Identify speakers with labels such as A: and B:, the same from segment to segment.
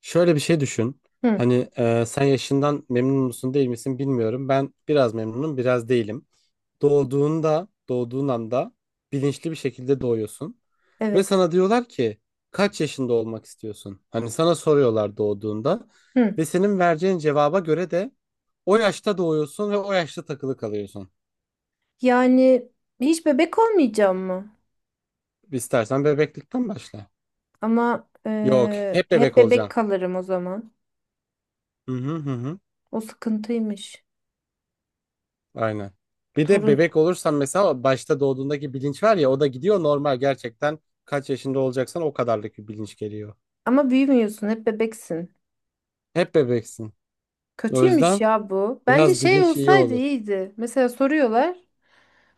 A: Şöyle bir şey düşün.
B: Hı,
A: Hani sen yaşından memnun musun değil misin bilmiyorum. Ben biraz memnunum, biraz değilim. Doğduğun anda bilinçli bir şekilde doğuyorsun. Ve
B: evet.
A: sana diyorlar ki kaç yaşında olmak istiyorsun? Hani sana soruyorlar doğduğunda.
B: Hı.
A: Ve senin vereceğin cevaba göre de o yaşta doğuyorsun ve o yaşta takılı kalıyorsun.
B: Yani hiç bebek olmayacağım mı?
A: İstersen bebeklikten başla.
B: Ama
A: Yok, hep
B: hep
A: bebek
B: bebek
A: olacaksın.
B: kalırım o zaman.
A: Hı hı hı. Hı.
B: O sıkıntıymış.
A: Aynen. Bir de
B: Torun.
A: bebek olursan mesela başta doğduğundaki bilinç var ya o da gidiyor normal gerçekten kaç yaşında olacaksan o kadarlık bir bilinç geliyor.
B: Ama büyümüyorsun, hep bebeksin.
A: Hep bebeksin. O
B: Kötüymüş
A: yüzden
B: ya bu. Bence
A: biraz
B: şey
A: bilinç iyi
B: olsaydı
A: olur.
B: iyiydi. Mesela soruyorlar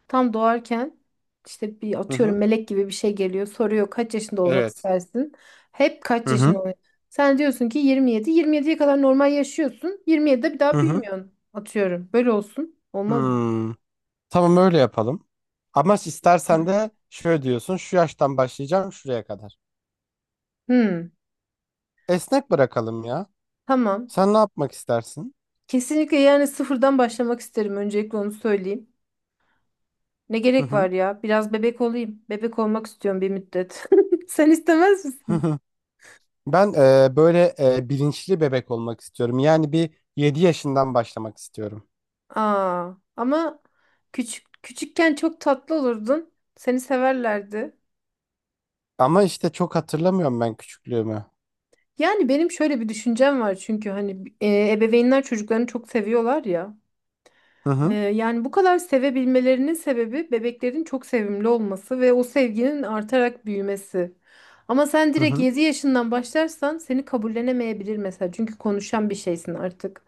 B: tam doğarken işte bir
A: Hı
B: atıyorum
A: hı.
B: melek gibi bir şey geliyor. Soruyor kaç yaşında olmak
A: Evet.
B: istersin? Hep kaç
A: Hı hı.
B: yaşında oluyor? Sen diyorsun ki 27. 27'ye kadar normal yaşıyorsun. 27'de bir
A: Hı
B: daha
A: hı.
B: büyümüyorsun. Atıyorum. Böyle olsun. Olmaz mı?
A: Hmm. Tamam öyle yapalım. Ama istersen de şöyle diyorsun şu yaştan başlayacağım şuraya kadar.
B: Hmm,
A: Esnek bırakalım ya.
B: tamam.
A: Sen ne yapmak istersin?
B: Kesinlikle yani sıfırdan başlamak isterim. Öncelikle onu söyleyeyim. Ne
A: Hı
B: gerek
A: hı.
B: var ya? Biraz bebek olayım. Bebek olmak istiyorum bir müddet. Sen istemez
A: Hı
B: misin?
A: hı. Ben böyle bilinçli bebek olmak istiyorum. Yani bir 7 yaşından başlamak istiyorum.
B: Aa, ama küçük küçükken çok tatlı olurdun. Seni severlerdi.
A: Ama işte çok hatırlamıyorum ben küçüklüğümü.
B: Yani benim şöyle bir düşüncem var, çünkü hani ebeveynler çocuklarını çok seviyorlar ya.
A: Hı
B: Ee,
A: hı.
B: yani bu kadar sevebilmelerinin sebebi bebeklerin çok sevimli olması ve o sevginin artarak büyümesi. Ama sen
A: Hı
B: direkt
A: hı.
B: 7 yaşından başlarsan seni kabullenemeyebilir mesela. Çünkü konuşan bir şeysin artık.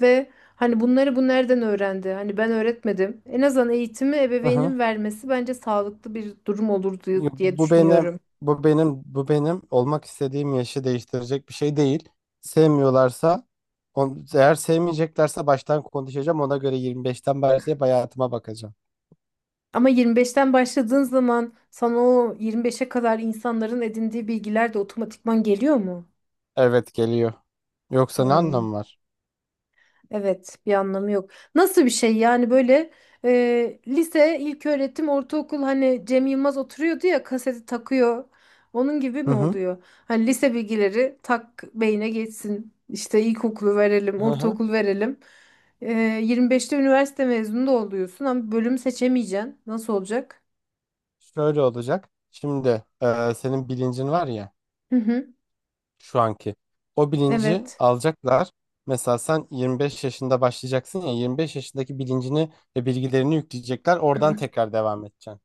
B: Ve hani bunları bu nereden öğrendi? Hani ben öğretmedim. En azından eğitimi
A: Hı hı.
B: ebeveynin vermesi bence sağlıklı bir durum olur diye
A: Yok,
B: diye
A: Bu benim,
B: düşünüyorum.
A: bu benim, bu benim olmak istediğim yaşı değiştirecek bir şey değil. Sevmiyorlarsa, eğer sevmeyeceklerse baştan konuşacağım. Ona göre 25'ten başlayıp hayatıma bakacağım.
B: Ama 25'ten başladığın zaman sana o 25'e kadar insanların edindiği bilgiler de otomatikman geliyor mu?
A: Evet geliyor. Yoksa ne
B: Hmm.
A: anlamı var?
B: Evet, bir anlamı yok. Nasıl bir şey yani? Böyle lise, ilköğretim, ortaokul, hani Cem Yılmaz oturuyordu ya, kaseti takıyor. Onun gibi
A: Hı
B: mi
A: hı.
B: oluyor? Hani lise bilgileri tak beyne geçsin. İşte ilkokulu verelim,
A: Hı hı.
B: ortaokul verelim. E, 25'te üniversite mezunu da oluyorsun ama bölüm seçemeyeceksin. Nasıl olacak?
A: Şöyle olacak. Şimdi senin bilincin var ya.
B: Hı hı,
A: Şu anki. O bilinci
B: evet.
A: alacaklar. Mesela sen 25 yaşında başlayacaksın ya 25 yaşındaki bilincini ve bilgilerini yükleyecekler. Oradan tekrar devam edeceksin.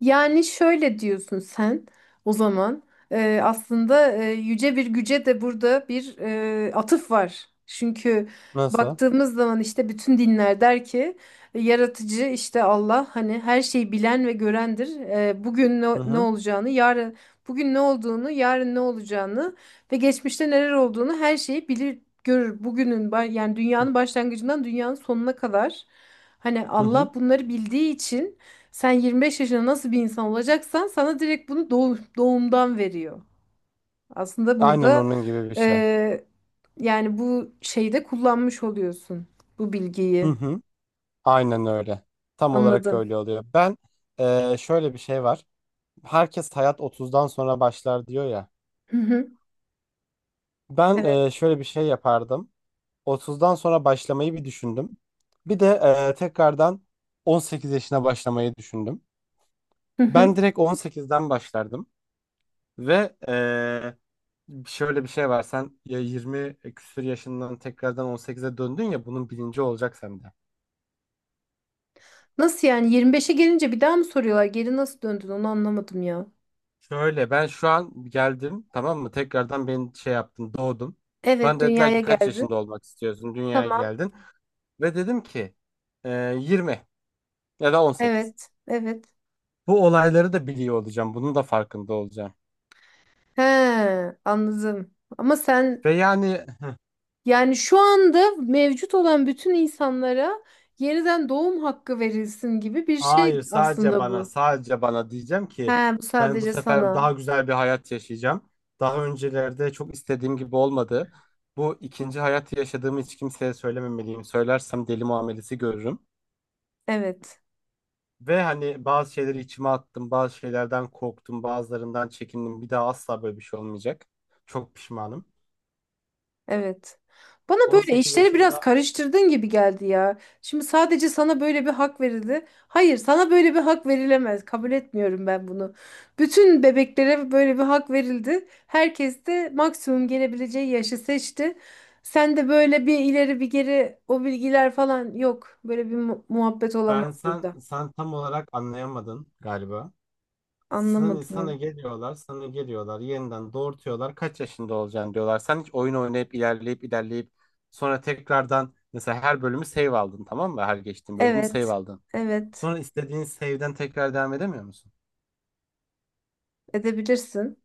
B: Yani şöyle diyorsun sen o zaman. Aslında yüce bir güce de burada bir atıf var. Çünkü
A: Nasıl?
B: baktığımız zaman işte bütün dinler der ki yaratıcı, işte Allah, hani her şeyi bilen ve görendir. Bugün ne,
A: Hı
B: ne
A: hı.
B: olacağını yarın, bugün ne olduğunu, yarın ne olacağını ve geçmişte neler olduğunu, her şeyi bilir görür. Yani dünyanın başlangıcından dünyanın sonuna kadar, hani
A: Hı hı.
B: Allah bunları bildiği için sen 25 yaşında nasıl bir insan olacaksan sana direkt bunu doğumdan veriyor. Aslında
A: Aynen
B: burada
A: onun gibi bir şey.
B: eee, yani bu şeyde kullanmış oluyorsun bu
A: Hı
B: bilgiyi.
A: hı. Aynen öyle. Tam olarak
B: Anladım.
A: öyle oluyor. Ben şöyle bir şey var. Herkes hayat 30'dan sonra başlar diyor ya.
B: Hı hı.
A: Ben
B: Evet.
A: şöyle bir şey yapardım. 30'dan sonra başlamayı bir düşündüm. Bir de tekrardan 18 yaşına başlamayı düşündüm.
B: Hı
A: Ben
B: hı.
A: direkt 18'den başlardım ve şöyle bir şey var sen ya 20 küsur yaşından tekrardan 18'e döndün ya bunun bilinci olacak sende.
B: Nasıl yani, 25'e gelince bir daha mı soruyorlar? Geri nasıl döndün? Onu anlamadım ya.
A: Şöyle ben şu an geldim tamam mı tekrardan beni şey yaptın doğdum.
B: Evet,
A: Bana dediler
B: dünyaya
A: ki kaç
B: geldi.
A: yaşında olmak istiyorsun dünyaya
B: Tamam.
A: geldin ve dedim ki 20 ya da 18.
B: Evet. Evet.
A: Bu olayları da biliyor olacağım bunun da farkında olacağım.
B: He, anladım. Ama sen
A: Ve yani.
B: Yani şu anda mevcut olan bütün insanlara yeniden doğum hakkı verilsin gibi bir şey
A: Hayır, sadece
B: aslında
A: bana
B: bu.
A: sadece bana diyeceğim ki
B: He, bu
A: ben bu
B: sadece
A: sefer
B: sana.
A: daha güzel bir hayat yaşayacağım. Daha öncelerde çok istediğim gibi olmadı. Bu ikinci hayatı yaşadığımı hiç kimseye söylememeliyim. Söylersem deli muamelesi görürüm.
B: Evet.
A: Ve hani bazı şeyleri içime attım, bazı şeylerden korktum, bazılarından çekindim. Bir daha asla böyle bir şey olmayacak. Çok pişmanım.
B: Evet. Bana böyle
A: 18
B: işleri biraz
A: yaşımda.
B: karıştırdığın gibi geldi ya. Şimdi sadece sana böyle bir hak verildi. Hayır, sana böyle bir hak verilemez. Kabul etmiyorum ben bunu. Bütün bebeklere böyle bir hak verildi. Herkes de maksimum gelebileceği yaşı seçti. Sen de böyle bir ileri bir geri, o bilgiler falan yok. Böyle bir muhabbet olamaz
A: ben sen
B: burada.
A: sen tam olarak anlayamadın galiba. Sana, sana
B: Anlamadım.
A: geliyorlar, sana geliyorlar, yeniden doğurtuyorlar. Kaç yaşında olacaksın diyorlar. Sen hiç oyun oynayıp ilerleyip ilerleyip sonra tekrardan mesela her bölümü save aldın tamam mı? Her geçtiğin bölümü save
B: Evet.
A: aldın.
B: Evet.
A: Sonra istediğin save'den tekrar devam edemiyor musun?
B: Edebilirsin.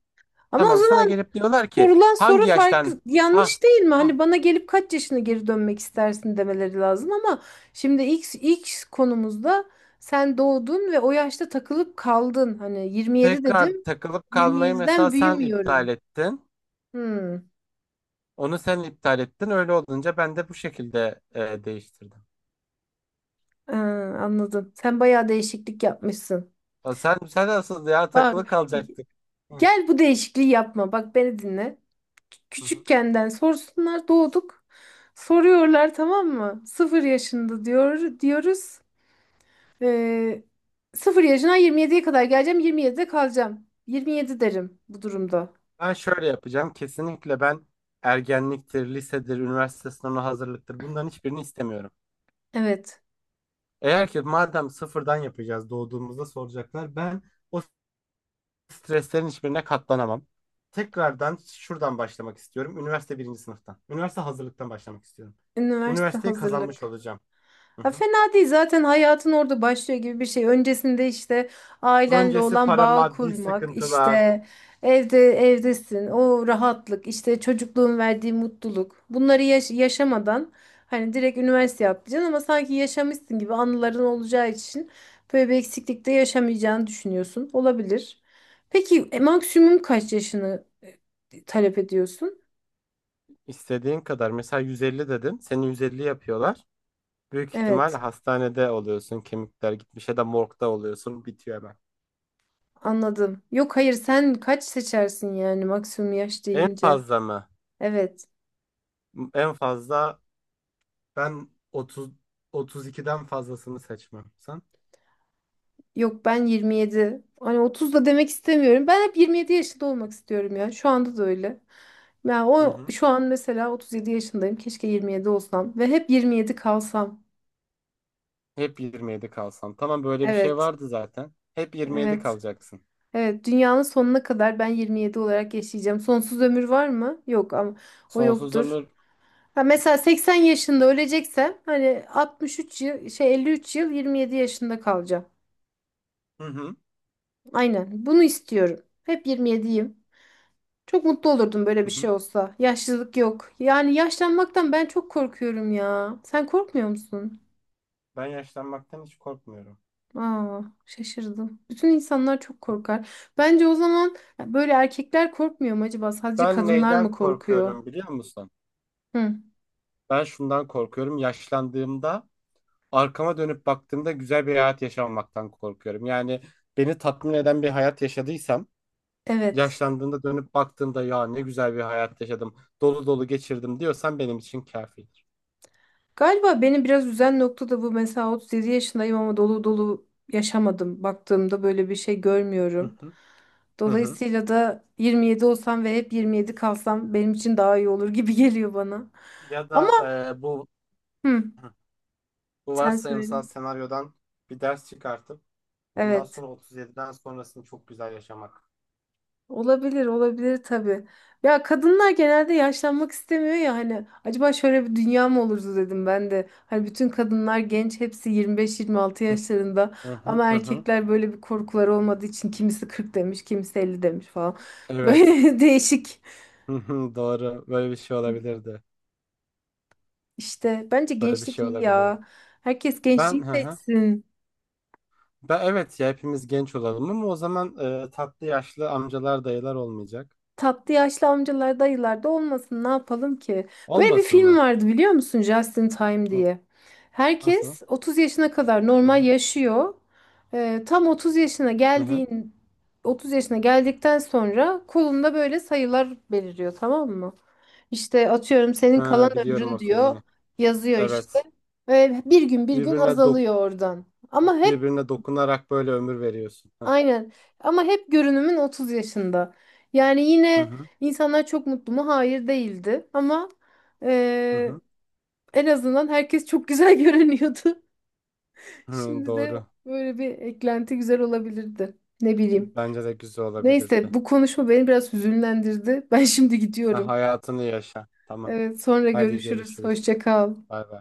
B: Ama o
A: Tamam sana
B: zaman
A: gelip diyorlar ki
B: Sorulan
A: hangi
B: soru
A: yaştan
B: farklı,
A: ha
B: yanlış değil mi?
A: ha
B: Hani bana gelip kaç yaşına geri dönmek istersin demeleri lazım ama şimdi ilk konumuzda sen doğdun ve o yaşta takılıp kaldın. Hani 27
A: tekrar
B: dedim.
A: takılıp kalmayı mesela
B: 27'den
A: sen iptal
B: büyümüyorum.
A: ettin.
B: Hmm,
A: Onu sen iptal ettin. Öyle olunca ben de bu şekilde değiştirdim.
B: ha, anladım. Sen bayağı değişiklik yapmışsın.
A: O sen asıl ya
B: Bak,
A: takılı kalacaktık. Hı.
B: gel bu değişikliği yapma. Bak, beni dinle.
A: Hı.
B: Küçükkenden sorsunlar, doğduk. Soruyorlar tamam mı? Sıfır yaşında diyor diyoruz. Ee, 0 yaşına 27'ye kadar geleceğim. 27'de kalacağım. 27 derim bu durumda.
A: Ben şöyle yapacağım. Kesinlikle ben ergenliktir, lisedir, üniversite sınavına hazırlıktır. Bunların hiçbirini istemiyorum.
B: Evet.
A: Eğer ki madem sıfırdan yapacağız doğduğumuzda soracaklar. Ben o streslerin hiçbirine katlanamam. Tekrardan şuradan başlamak istiyorum. Üniversite birinci sınıftan. Üniversite hazırlıktan başlamak istiyorum.
B: Üniversite
A: Üniversiteyi kazanmış
B: hazırlık.
A: olacağım. Hı
B: Ha,
A: hı.
B: fena değil, zaten hayatın orada başlıyor gibi bir şey. Öncesinde işte ailenle
A: Öncesi
B: olan
A: para,
B: bağ
A: maddi
B: kurmak,
A: sıkıntılar.
B: işte evde evdesin, o rahatlık, işte çocukluğun verdiği mutluluk. Bunları yaşamadan hani direkt üniversite yapacaksın ama sanki yaşamışsın gibi anıların olacağı için böyle bir eksiklikte yaşamayacağını düşünüyorsun. Olabilir. Peki maksimum kaç yaşını talep ediyorsun?
A: İstediğin kadar. Mesela 150 dedim, seni 150 yapıyorlar. Büyük ihtimal
B: Evet,
A: hastanede oluyorsun. Kemikler gitmiş ya da morgda oluyorsun. Bitiyor hemen.
B: anladım. Yok hayır, sen kaç seçersin yani maksimum yaş
A: En
B: deyince?
A: fazla mı?
B: Evet.
A: En fazla ben 30 32'den fazlasını seçmem. Sen?
B: Yok, ben 27. Hani 30 da demek istemiyorum. Ben hep 27 yaşında olmak istiyorum ya. Şu anda da öyle. Ya
A: Hı
B: o
A: hı.
B: şu an mesela 37 yaşındayım. Keşke 27 olsam ve hep 27 kalsam.
A: Hep 27 kalsan. Tamam böyle bir şey
B: Evet.
A: vardı zaten. Hep 27
B: Evet.
A: kalacaksın.
B: Evet, dünyanın sonuna kadar ben 27 olarak yaşayacağım. Sonsuz ömür var mı? Yok, ama o
A: Sonsuz
B: yoktur.
A: ömür.
B: Ha, mesela 80 yaşında öleceksem hani 63 yıl, şey, 53 yıl 27 yaşında kalacağım.
A: Hı hı.
B: Aynen. Bunu istiyorum. Hep 27'yim. Çok mutlu olurdum böyle
A: Hı
B: bir şey
A: hı.
B: olsa. Yaşlılık yok. Yani yaşlanmaktan ben çok korkuyorum ya. Sen korkmuyor musun?
A: Ben yaşlanmaktan hiç korkmuyorum.
B: Aa, şaşırdım. Bütün insanlar çok korkar. Bence o zaman böyle, erkekler korkmuyor mu acaba? Sadece
A: Ben
B: kadınlar
A: neyden
B: mı korkuyor?
A: korkuyorum biliyor musun?
B: Hı,
A: Ben şundan korkuyorum. Yaşlandığımda arkama dönüp baktığımda güzel bir hayat yaşamamaktan korkuyorum. Yani beni tatmin eden bir hayat yaşadıysam,
B: evet.
A: yaşlandığımda dönüp baktığımda ya ne güzel bir hayat yaşadım, dolu dolu geçirdim diyorsan benim için kafidir.
B: Galiba beni biraz üzen nokta da bu. Mesela 37 yaşındayım ama dolu dolu yaşamadım. Baktığımda böyle bir şey
A: Hı
B: görmüyorum.
A: hı. Hı hı.
B: Dolayısıyla da 27 olsam ve hep 27 kalsam benim için daha iyi olur gibi geliyor bana.
A: Ya
B: Ama
A: da e, bu
B: hı.
A: bu
B: Sen söyle.
A: varsayımsal senaryodan bir ders çıkartıp bundan
B: Evet.
A: sonra 37'den sonrasını çok güzel yaşamak.
B: Olabilir, olabilir tabii. Ya, kadınlar genelde yaşlanmak istemiyor ya, hani acaba şöyle bir dünya mı olurdu dedim ben de. Hani bütün kadınlar genç, hepsi 25-26 yaşlarında,
A: Hı hı
B: ama
A: hı hı.
B: erkekler böyle bir korkuları olmadığı için kimisi 40 demiş, kimisi 50 demiş falan.
A: Evet.
B: Böyle değişik.
A: Hı hı, doğru. Böyle bir şey olabilirdi.
B: İşte bence
A: Böyle bir
B: gençlik
A: şey
B: iyi
A: olabilirdi.
B: ya. Herkes
A: Ben
B: gençliği
A: hı hı.
B: seçsin.
A: Ben evet ya hepimiz genç olalım ama o zaman tatlı yaşlı amcalar dayılar olmayacak.
B: Tatlı yaşlı amcalar, dayılar da olmasın, ne yapalım ki? Böyle bir
A: Olmasın
B: film
A: mı?
B: vardı biliyor musun, Just in Time diye.
A: Nasıl?
B: Herkes 30 yaşına kadar
A: Hı
B: normal
A: hı.
B: yaşıyor. Ee, tam 30 yaşına
A: Hı hı.
B: geldiğin 30 yaşına geldikten sonra kolunda böyle sayılar beliriyor, tamam mı? İşte atıyorum, senin kalan
A: Ha, biliyorum o
B: ömrün diyor,
A: filmi.
B: yazıyor
A: Evet.
B: işte. Ve bir gün bir gün
A: Birbirine dok-
B: azalıyor oradan. Ama hep
A: birbirine dokunarak böyle ömür veriyorsun. Heh.
B: Aynen. Ama hep görünümün 30 yaşında. Yani
A: Hı
B: yine
A: hı.
B: insanlar çok mutlu mu? Hayır, değildi. Ama
A: Hı
B: eee,
A: hı.
B: en azından herkes çok güzel görünüyordu.
A: Hı,
B: Şimdi de
A: doğru.
B: böyle bir eklenti güzel olabilirdi. Ne bileyim.
A: Bence de güzel
B: Neyse,
A: olabilirdi.
B: bu konuşma beni biraz hüzünlendirdi. Ben şimdi
A: Sen
B: gidiyorum.
A: hayatını yaşa. Tamam.
B: Evet, sonra
A: Haydi
B: görüşürüz.
A: görüşürüz.
B: Hoşça kal.
A: Bay bay.